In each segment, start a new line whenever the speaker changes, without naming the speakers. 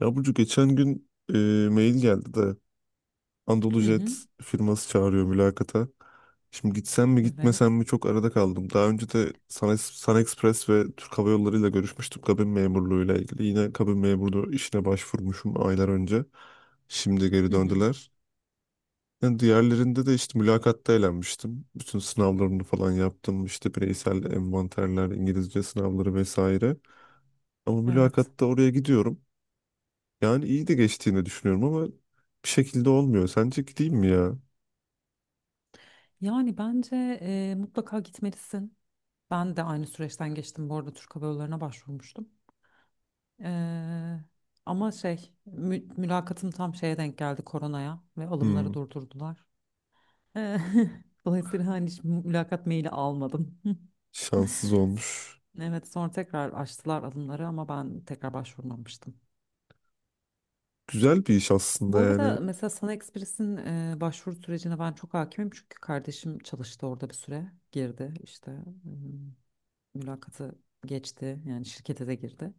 Ya Burcu geçen gün mail geldi de
Hı
Anadolu
hı,
firması çağırıyor mülakata. Şimdi gitsem mi gitmesem
evet.
mi çok arada kaldım. Daha önce de Sun Express ve Türk Hava Yolları ile görüşmüştüm kabin memurluğuyla ilgili. Yine kabin memurluğu işine başvurmuşum aylar önce. Şimdi geri
Hı hı,
döndüler. Yani diğerlerinde de işte mülakatta eğlenmiştim. Bütün sınavlarını falan yaptım. İşte bireysel envanterler, İngilizce sınavları vesaire. Ama
evet.
mülakatta oraya gidiyorum. Yani iyi de geçtiğini düşünüyorum ama bir şekilde olmuyor. Sence gideyim mi ya?
Yani bence mutlaka gitmelisin. Ben de aynı süreçten geçtim. Bu arada Türk Hava Yolları'na başvurmuştum. Eee, Ama mülakatım tam şeye denk geldi, koronaya, ve
Hmm,
alımları durdurdular. Eee, Dolayısıyla hani hiç mülakat maili almadım.
şanssız olmuş.
Evet, sonra tekrar açtılar alımları ama ben tekrar başvurmamıştım.
Güzel bir iş aslında
Bu
yani.
arada mesela Sana Express'in başvuru sürecine ben çok hakimim, çünkü kardeşim çalıştı orada bir süre, girdi işte, ım, mülakatı geçti, yani şirkete de girdi.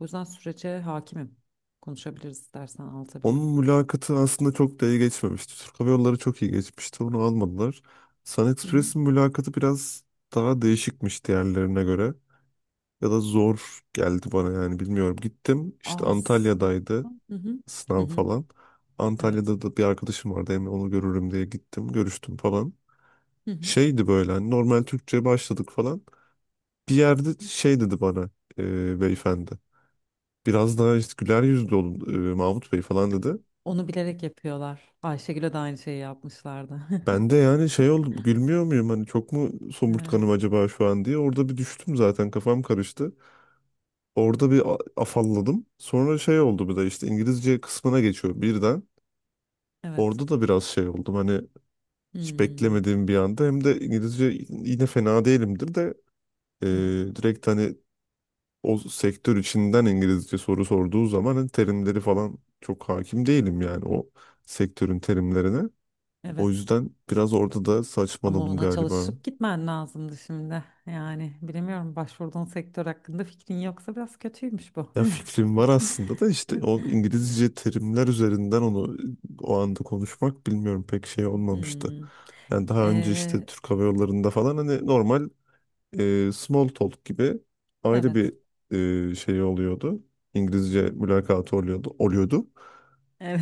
O yüzden sürece hakimim. Konuşabiliriz, istersen anlatabilirim.
Onun mülakatı aslında çok da iyi geçmemişti. Türk Hava Yolları çok iyi geçmişti. Onu almadılar.
Hı hı.
SunExpress'in mülakatı biraz daha değişikmiş diğerlerine göre. Ya da zor geldi bana yani bilmiyorum. Gittim işte
Aslında
Antalya'daydı
hı hı. Hı
sınav
hı.
falan.
Evet.
Antalya'da da bir arkadaşım vardı. Hem onu görürüm diye gittim. Görüştüm falan
Hı hı.
şeydi böyle hani normal Türkçe başladık falan. Bir yerde şey dedi bana, beyefendi. Biraz daha işte güler yüzlü olun Mahmut Bey falan dedi.
Onu bilerek yapıyorlar. Ayşegül'e de aynı şeyi yapmışlardı.
Ben de yani şey oldum, gülmüyor muyum hani, çok mu
Evet.
somurtkanım acaba şu an diye. Orada bir düştüm zaten, kafam karıştı. Orada bir afalladım. Sonra şey oldu, bir de işte İngilizce kısmına geçiyor birden.
Evet.
Orada da biraz şey oldum hani, hiç
Hmm.
beklemediğim bir anda hem de. İngilizce yine fena değilimdir de e,
Hı hı.
direkt hani o sektör içinden İngilizce soru sorduğu zaman hani terimleri falan çok hakim değilim yani o sektörün terimlerine. O
Evet.
yüzden biraz orada da
Ama
saçmaladım
ona
galiba.
çalışıp gitmen lazımdı şimdi. Yani bilemiyorum, başvurduğun sektör hakkında fikrin yoksa biraz kötüymüş bu.
Ya fikrim var aslında da, işte o İngilizce terimler üzerinden onu o anda konuşmak bilmiyorum pek şey olmamıştı.
Hmm.
Yani daha önce işte
Ee,
Türk Hava Yolları'nda falan hani normal small talk gibi ayrı
evet.
bir şey oluyordu. İngilizce mülakatı oluyordu, oluyordu.
Evet.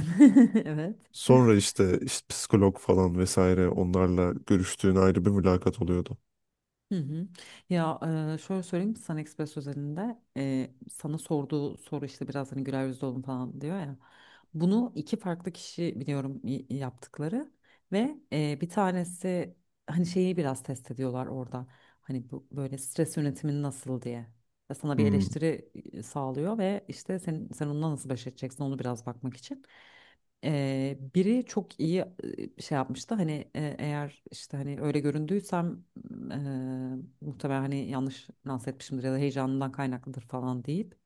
Evet.
Sonra işte psikolog falan vesaire, onlarla görüştüğün ayrı bir mülakat oluyordu.
Hı hı. Ya şöyle söyleyeyim, Sun Express özelinde sana sorduğu soru işte biraz hani güler yüzlü olun falan diyor ya. Bunu iki farklı kişi biliyorum yaptıkları ve bir tanesi hani şeyi biraz test ediyorlar orada. Hani bu böyle stres yönetimin nasıl diye. Ve sana bir
Hmm.
eleştiri sağlıyor ve işte sen onunla nasıl baş edeceksin, onu biraz bakmak için. Biri çok iyi şey yapmıştı. Hani eğer işte hani öyle göründüysem muhtemelen hani yanlış lanse etmişimdir ya da heyecanından kaynaklıdır falan deyip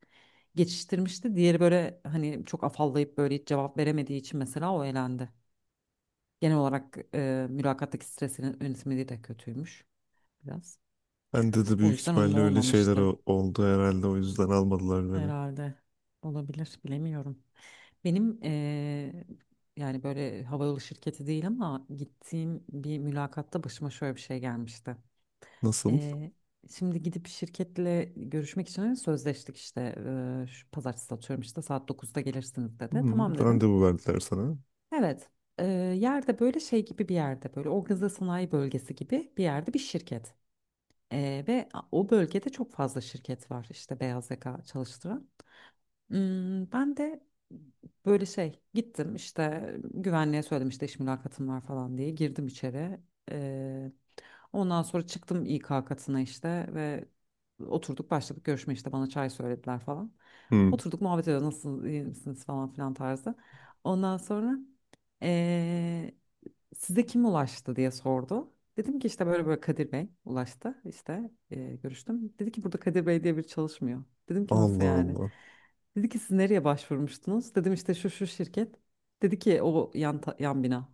geçiştirmişti. Diğeri böyle hani çok afallayıp böyle hiç cevap veremediği için mesela o elendi. Genel olarak mülakattaki stresinin yönetimliği de kötüymüş biraz.
Ben de
O
büyük
yüzden onun
ihtimalle öyle şeyler
olmamıştı.
oldu herhalde, o yüzden almadılar beni.
Herhalde olabilir, bilemiyorum. Benim yani böyle havayolu şirketi değil ama gittiğim bir mülakatta başıma şöyle bir şey gelmişti.
Nasıl?
Ee, Şimdi gidip şirketle görüşmek için hani sözleştik işte. Şu pazartesi, atıyorum işte, saat 9'da gelirsiniz dedi.
Hmm.
Tamam dedim.
Randevu verdiler sana.
Evet. Ee, Yerde böyle şey gibi bir yerde, böyle organize sanayi bölgesi gibi bir yerde bir şirket. O bölgede çok fazla şirket var işte, beyaz yaka çalıştıran. Hmm, ben de böyle şey gittim işte, güvenliğe söyledim işte iş mülakatım var falan diye, girdim içeri. Ondan sonra çıktım İK katına işte, ve oturduk, başladık görüşme işte, bana çay söylediler falan.
Hmm.
Oturduk muhabbet ediyoruz, nasılsınız, iyi misiniz falan filan tarzı. Ondan sonra eee, size kim ulaştı diye sordu. Dedim ki işte böyle böyle Kadir Bey ulaştı işte görüştüm. Dedi ki burada Kadir Bey diye biri çalışmıyor. Dedim ki nasıl
Allah
yani?
Allah.
Dedi ki siz nereye başvurmuştunuz? Dedim işte şu şu şirket. Dedi ki o yan bina.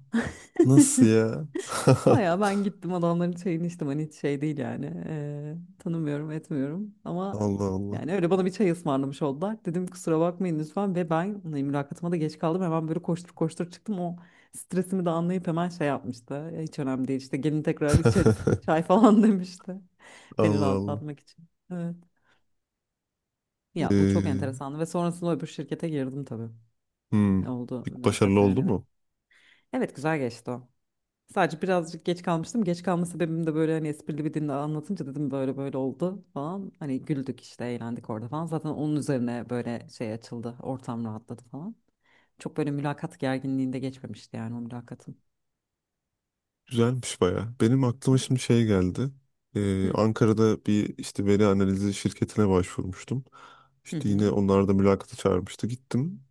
Nasıl ya?
Baya ben gittim adamların çayını içtim, hani hiç şey değil yani tanımıyorum etmiyorum, ama
Allah Allah.
yani öyle bana bir çay ısmarlamış oldular. Dedim kusura bakmayın lütfen, ve ben hani mülakatıma da geç kaldım, hemen böyle koştur koştur çıktım, o stresimi de anlayıp hemen şey yapmıştı. "Ya hiç önemli değil, işte gelin tekrar içeriz çay falan" demişti, beni
Allah Allah.
rahatlatmak için. Evet, ya bu çok
Ee,
enteresandı ve sonrasında öbür şirkete girdim tabii,
hmm.
oldu
Peki başarılı
mülakat yani,
oldu
evet.
mu?
Evet, güzel geçti o. Sadece birazcık geç kalmıştım. Geç kalma sebebim de böyle hani esprili bir dille anlatınca, dedim böyle böyle oldu falan. Hani güldük işte, eğlendik orada falan. Zaten onun üzerine böyle şey açıldı, ortam rahatladı falan. Çok böyle mülakat gerginliğinde geçmemişti yani o mülakatın.
Güzelmiş baya. Benim aklıma
Evet.
şimdi şey geldi.
Hı
Ankara'da bir işte veri analizi şirketine başvurmuştum.
hı
İşte
hı
yine onlar da mülakata çağırmıştı. Gittim.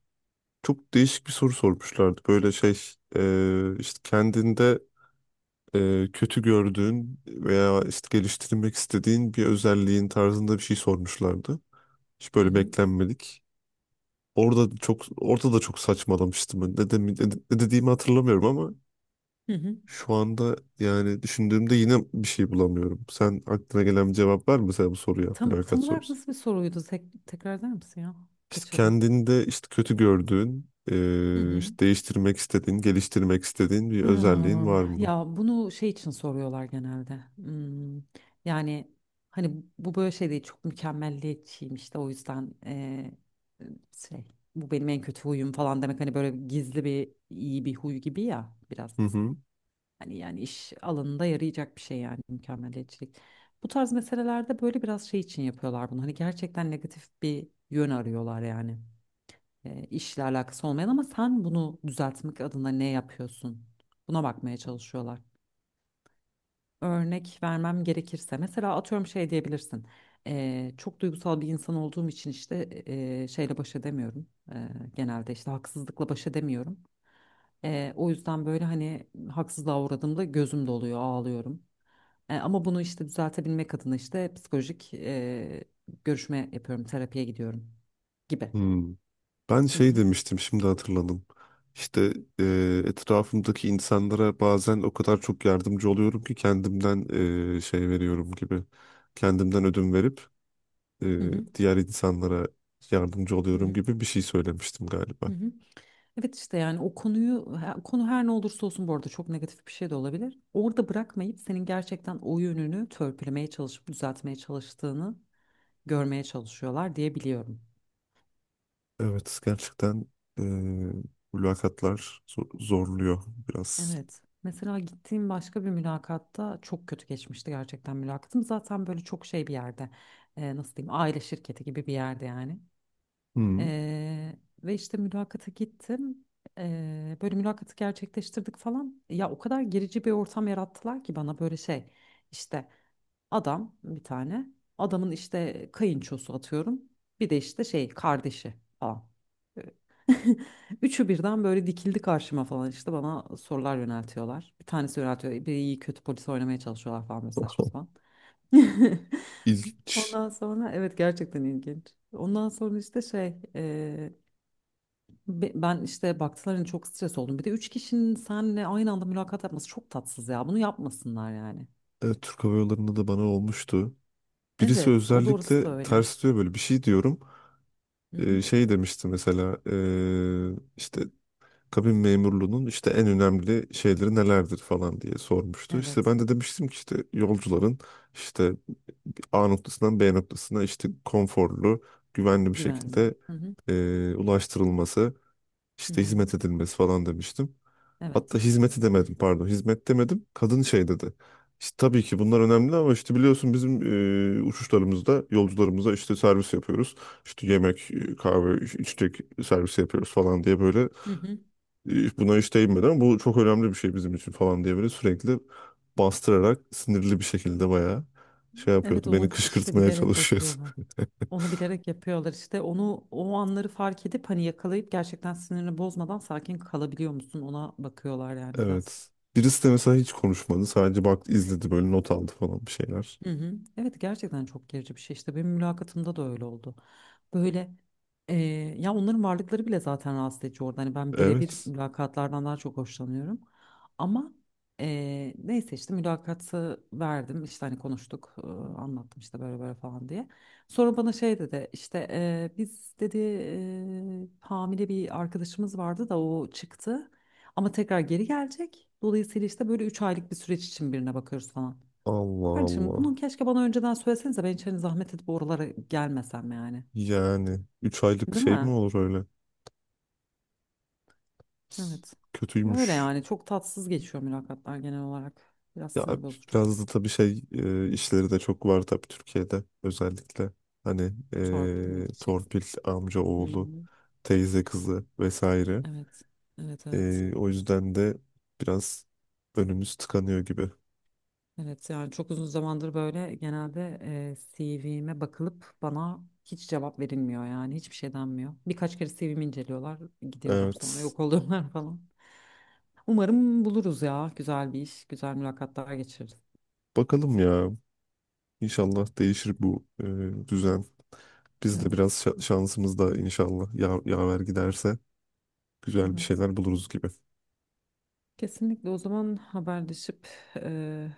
Çok değişik bir soru sormuşlardı. Böyle şey, işte kendinde kötü gördüğün veya işte geliştirmek istediğin bir özelliğin tarzında bir şey sormuşlardı. Hiç
hı
böyle
hı.
beklenmedik. Orada da çok saçmalamıştım. Ne dediğimi hatırlamıyorum ama
hı hı.
şu anda yani düşündüğümde yine bir şey bulamıyorum. Sen, aklına gelen bir cevap var mı mesela bu soruya? Mülakat
Tam olarak
sorusu.
nasıl bir soruydu? Tekrar eder misin ya?
İşte
Kaçırdım.
kendinde işte kötü gördüğün,
Hı hı.
işte değiştirmek istediğin, geliştirmek istediğin bir özelliğin var
Ah,
mı?
ya bunu şey için soruyorlar genelde. Hmm, yani hani bu böyle şey değil, çok mükemmelliyetçiyim işte o yüzden şey, bu benim en kötü huyum falan demek, hani böyle gizli bir iyi bir huy gibi ya biraz.
Hı hı.
Hani yani iş alanında yarayacak bir şey yani, mükemmelliyetçilik. Bu tarz meselelerde böyle biraz şey için yapıyorlar bunu. Hani gerçekten negatif bir yön arıyorlar yani, işle alakası olmayan ama sen bunu düzeltmek adına ne yapıyorsun? Buna bakmaya çalışıyorlar. Örnek vermem gerekirse mesela atıyorum şey diyebilirsin. Çok duygusal bir insan olduğum için işte şeyle baş edemiyorum. E, Genelde işte haksızlıkla baş edemiyorum. O yüzden böyle hani haksızlığa uğradığımda gözüm doluyor, ağlıyorum. Ama bunu işte düzeltebilmek adına işte psikolojik görüşme yapıyorum, terapiye gidiyorum gibi.
Hmm. Ben
Hı
şey
hı,
demiştim, şimdi hatırladım. İşte etrafımdaki insanlara bazen o kadar çok yardımcı oluyorum ki, kendimden şey veriyorum gibi. Kendimden ödün verip
hı hı,
diğer insanlara yardımcı
hı
oluyorum
hı,
gibi bir şey söylemiştim
hı
galiba.
hı. Evet işte yani o konu her ne olursa olsun, bu arada çok negatif bir şey de olabilir. Orada bırakmayıp senin gerçekten o yönünü törpülemeye çalışıp düzeltmeye çalıştığını görmeye çalışıyorlar diye biliyorum.
Evet, gerçekten e, mülakatlar zorluyor biraz.
Evet. Mesela gittiğim başka bir mülakatta çok kötü geçmişti gerçekten mülakatım. Zaten böyle çok şey bir yerde, nasıl diyeyim, aile şirketi gibi bir yerde yani.
Hmm.
E, Ve işte mülakata gittim. Böyle mülakatı gerçekleştirdik falan. Ya o kadar gerici bir ortam yarattılar ki bana, böyle şey, işte adam bir tane. Adamın işte kayınçosu, atıyorum. Bir de işte şey kardeşi falan. Ee, Üçü birden böyle dikildi karşıma falan, işte bana sorular yöneltiyorlar. Bir tanesi yöneltiyor. Biri iyi kötü polis oynamaya çalışıyorlar falan, böyle saçma sapan.
İlginç.
Ondan sonra, evet, gerçekten ilginç. Ondan sonra işte şey, e, ben işte baktılar hani çok stres oldum. Bir de üç kişinin seninle aynı anda mülakat yapması çok tatsız ya. Bunu yapmasınlar yani.
Evet, Türk Hava Yolları'nda da bana olmuştu. Birisi
Evet o doğrusu da
özellikle
öyle.
ters diyor, böyle bir şey diyorum.
Hı hı.
Şey demişti mesela, işte kabin memurluğunun işte en önemli şeyleri nelerdir falan diye sormuştu. İşte
Evet.
ben de demiştim ki işte yolcuların işte A noktasından B noktasına işte konforlu, güvenli bir şekilde
Güven. Hı hı.
ulaştırılması,
Hı
işte
hı.
hizmet edilmesi falan demiştim.
Evet.
Hatta hizmeti demedim, pardon, hizmet demedim, kadın şey dedi. İşte tabii ki bunlar önemli ama işte biliyorsun bizim uçuşlarımızda yolcularımıza işte servis yapıyoruz. İşte yemek, kahve, içecek servisi yapıyoruz falan diye böyle,
Hı hı.
buna hiç değinmeden, bu çok önemli bir şey bizim için falan diye böyle sürekli bastırarak, sinirli bir şekilde, bayağı şey
Evet
yapıyordu. Beni
onu işte
kışkırtmaya
bilerek
çalışıyordu.
yapıyorlar. Onu bilerek yapıyorlar işte, onu o anları fark edip hani yakalayıp, gerçekten sinirini bozmadan sakin kalabiliyor musun, ona bakıyorlar yani biraz.
Evet. Birisi de mesela hiç konuşmadı. Sadece baktı, izledi, böyle not aldı falan bir şeyler.
Hı hı. Evet gerçekten çok gerici bir şey, işte benim mülakatımda da öyle oldu. Böyle e, ya onların varlıkları bile zaten rahatsız edici orada. Hani ben birebir
Evet.
mülakatlardan daha çok hoşlanıyorum. Ama neyse işte mülakatı verdim işte, hani konuştuk, anlattım işte böyle böyle falan diye. Sonra bana şey dedi işte, biz dedi, hamile bir arkadaşımız vardı da o çıktı ama tekrar geri gelecek. Dolayısıyla işte böyle 3 aylık bir süreç için birine bakıyoruz falan.
Allah
Kardeşim bunu
Allah.
keşke bana önceden söylesenize, ben hiç hani zahmet edip oralara gelmesem yani.
Yani 3 aylık
Değil
şey mi
mi?
olur öyle?
Evet. Öyle
Kötüymüş.
yani, çok tatsız geçiyor mülakatlar genel olarak. Biraz
Ya
sinir bozucu.
biraz da tabii şey, işleri de çok var tabii, Türkiye'de özellikle. Hani
Torpil mi diyeceksin?
torpil, amca
Hı
oğlu,
hı.
teyze kızı vesaire.
Evet. Evet, evet.
O yüzden de biraz önümüz tıkanıyor gibi.
Evet yani çok uzun zamandır böyle genelde CV'me bakılıp bana hiç cevap verilmiyor yani, hiçbir şey denmiyor. Birkaç kere CV'mi inceliyorlar, gidiyorlar, sonra
Evet.
yok oluyorlar falan. Umarım buluruz ya, güzel bir iş, güzel mülakatlar geçiririz.
Bakalım ya. İnşallah değişir bu düzen. Biz de
Evet.
biraz şansımız da inşallah ya yaver giderse güzel bir
Evet.
şeyler buluruz gibi.
Kesinlikle, o zaman haberleşip eee,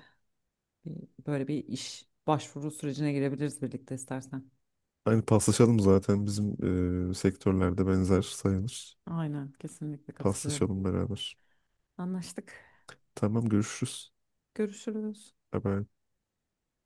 böyle bir iş başvuru sürecine girebiliriz birlikte istersen.
Aynı paslaşalım zaten, bizim sektörlerde benzer sayılır.
Aynen, kesinlikle katılıyorum.
Paslaşalım beraber.
Anlaştık.
Tamam, görüşürüz.
Görüşürüz.
Bye bye.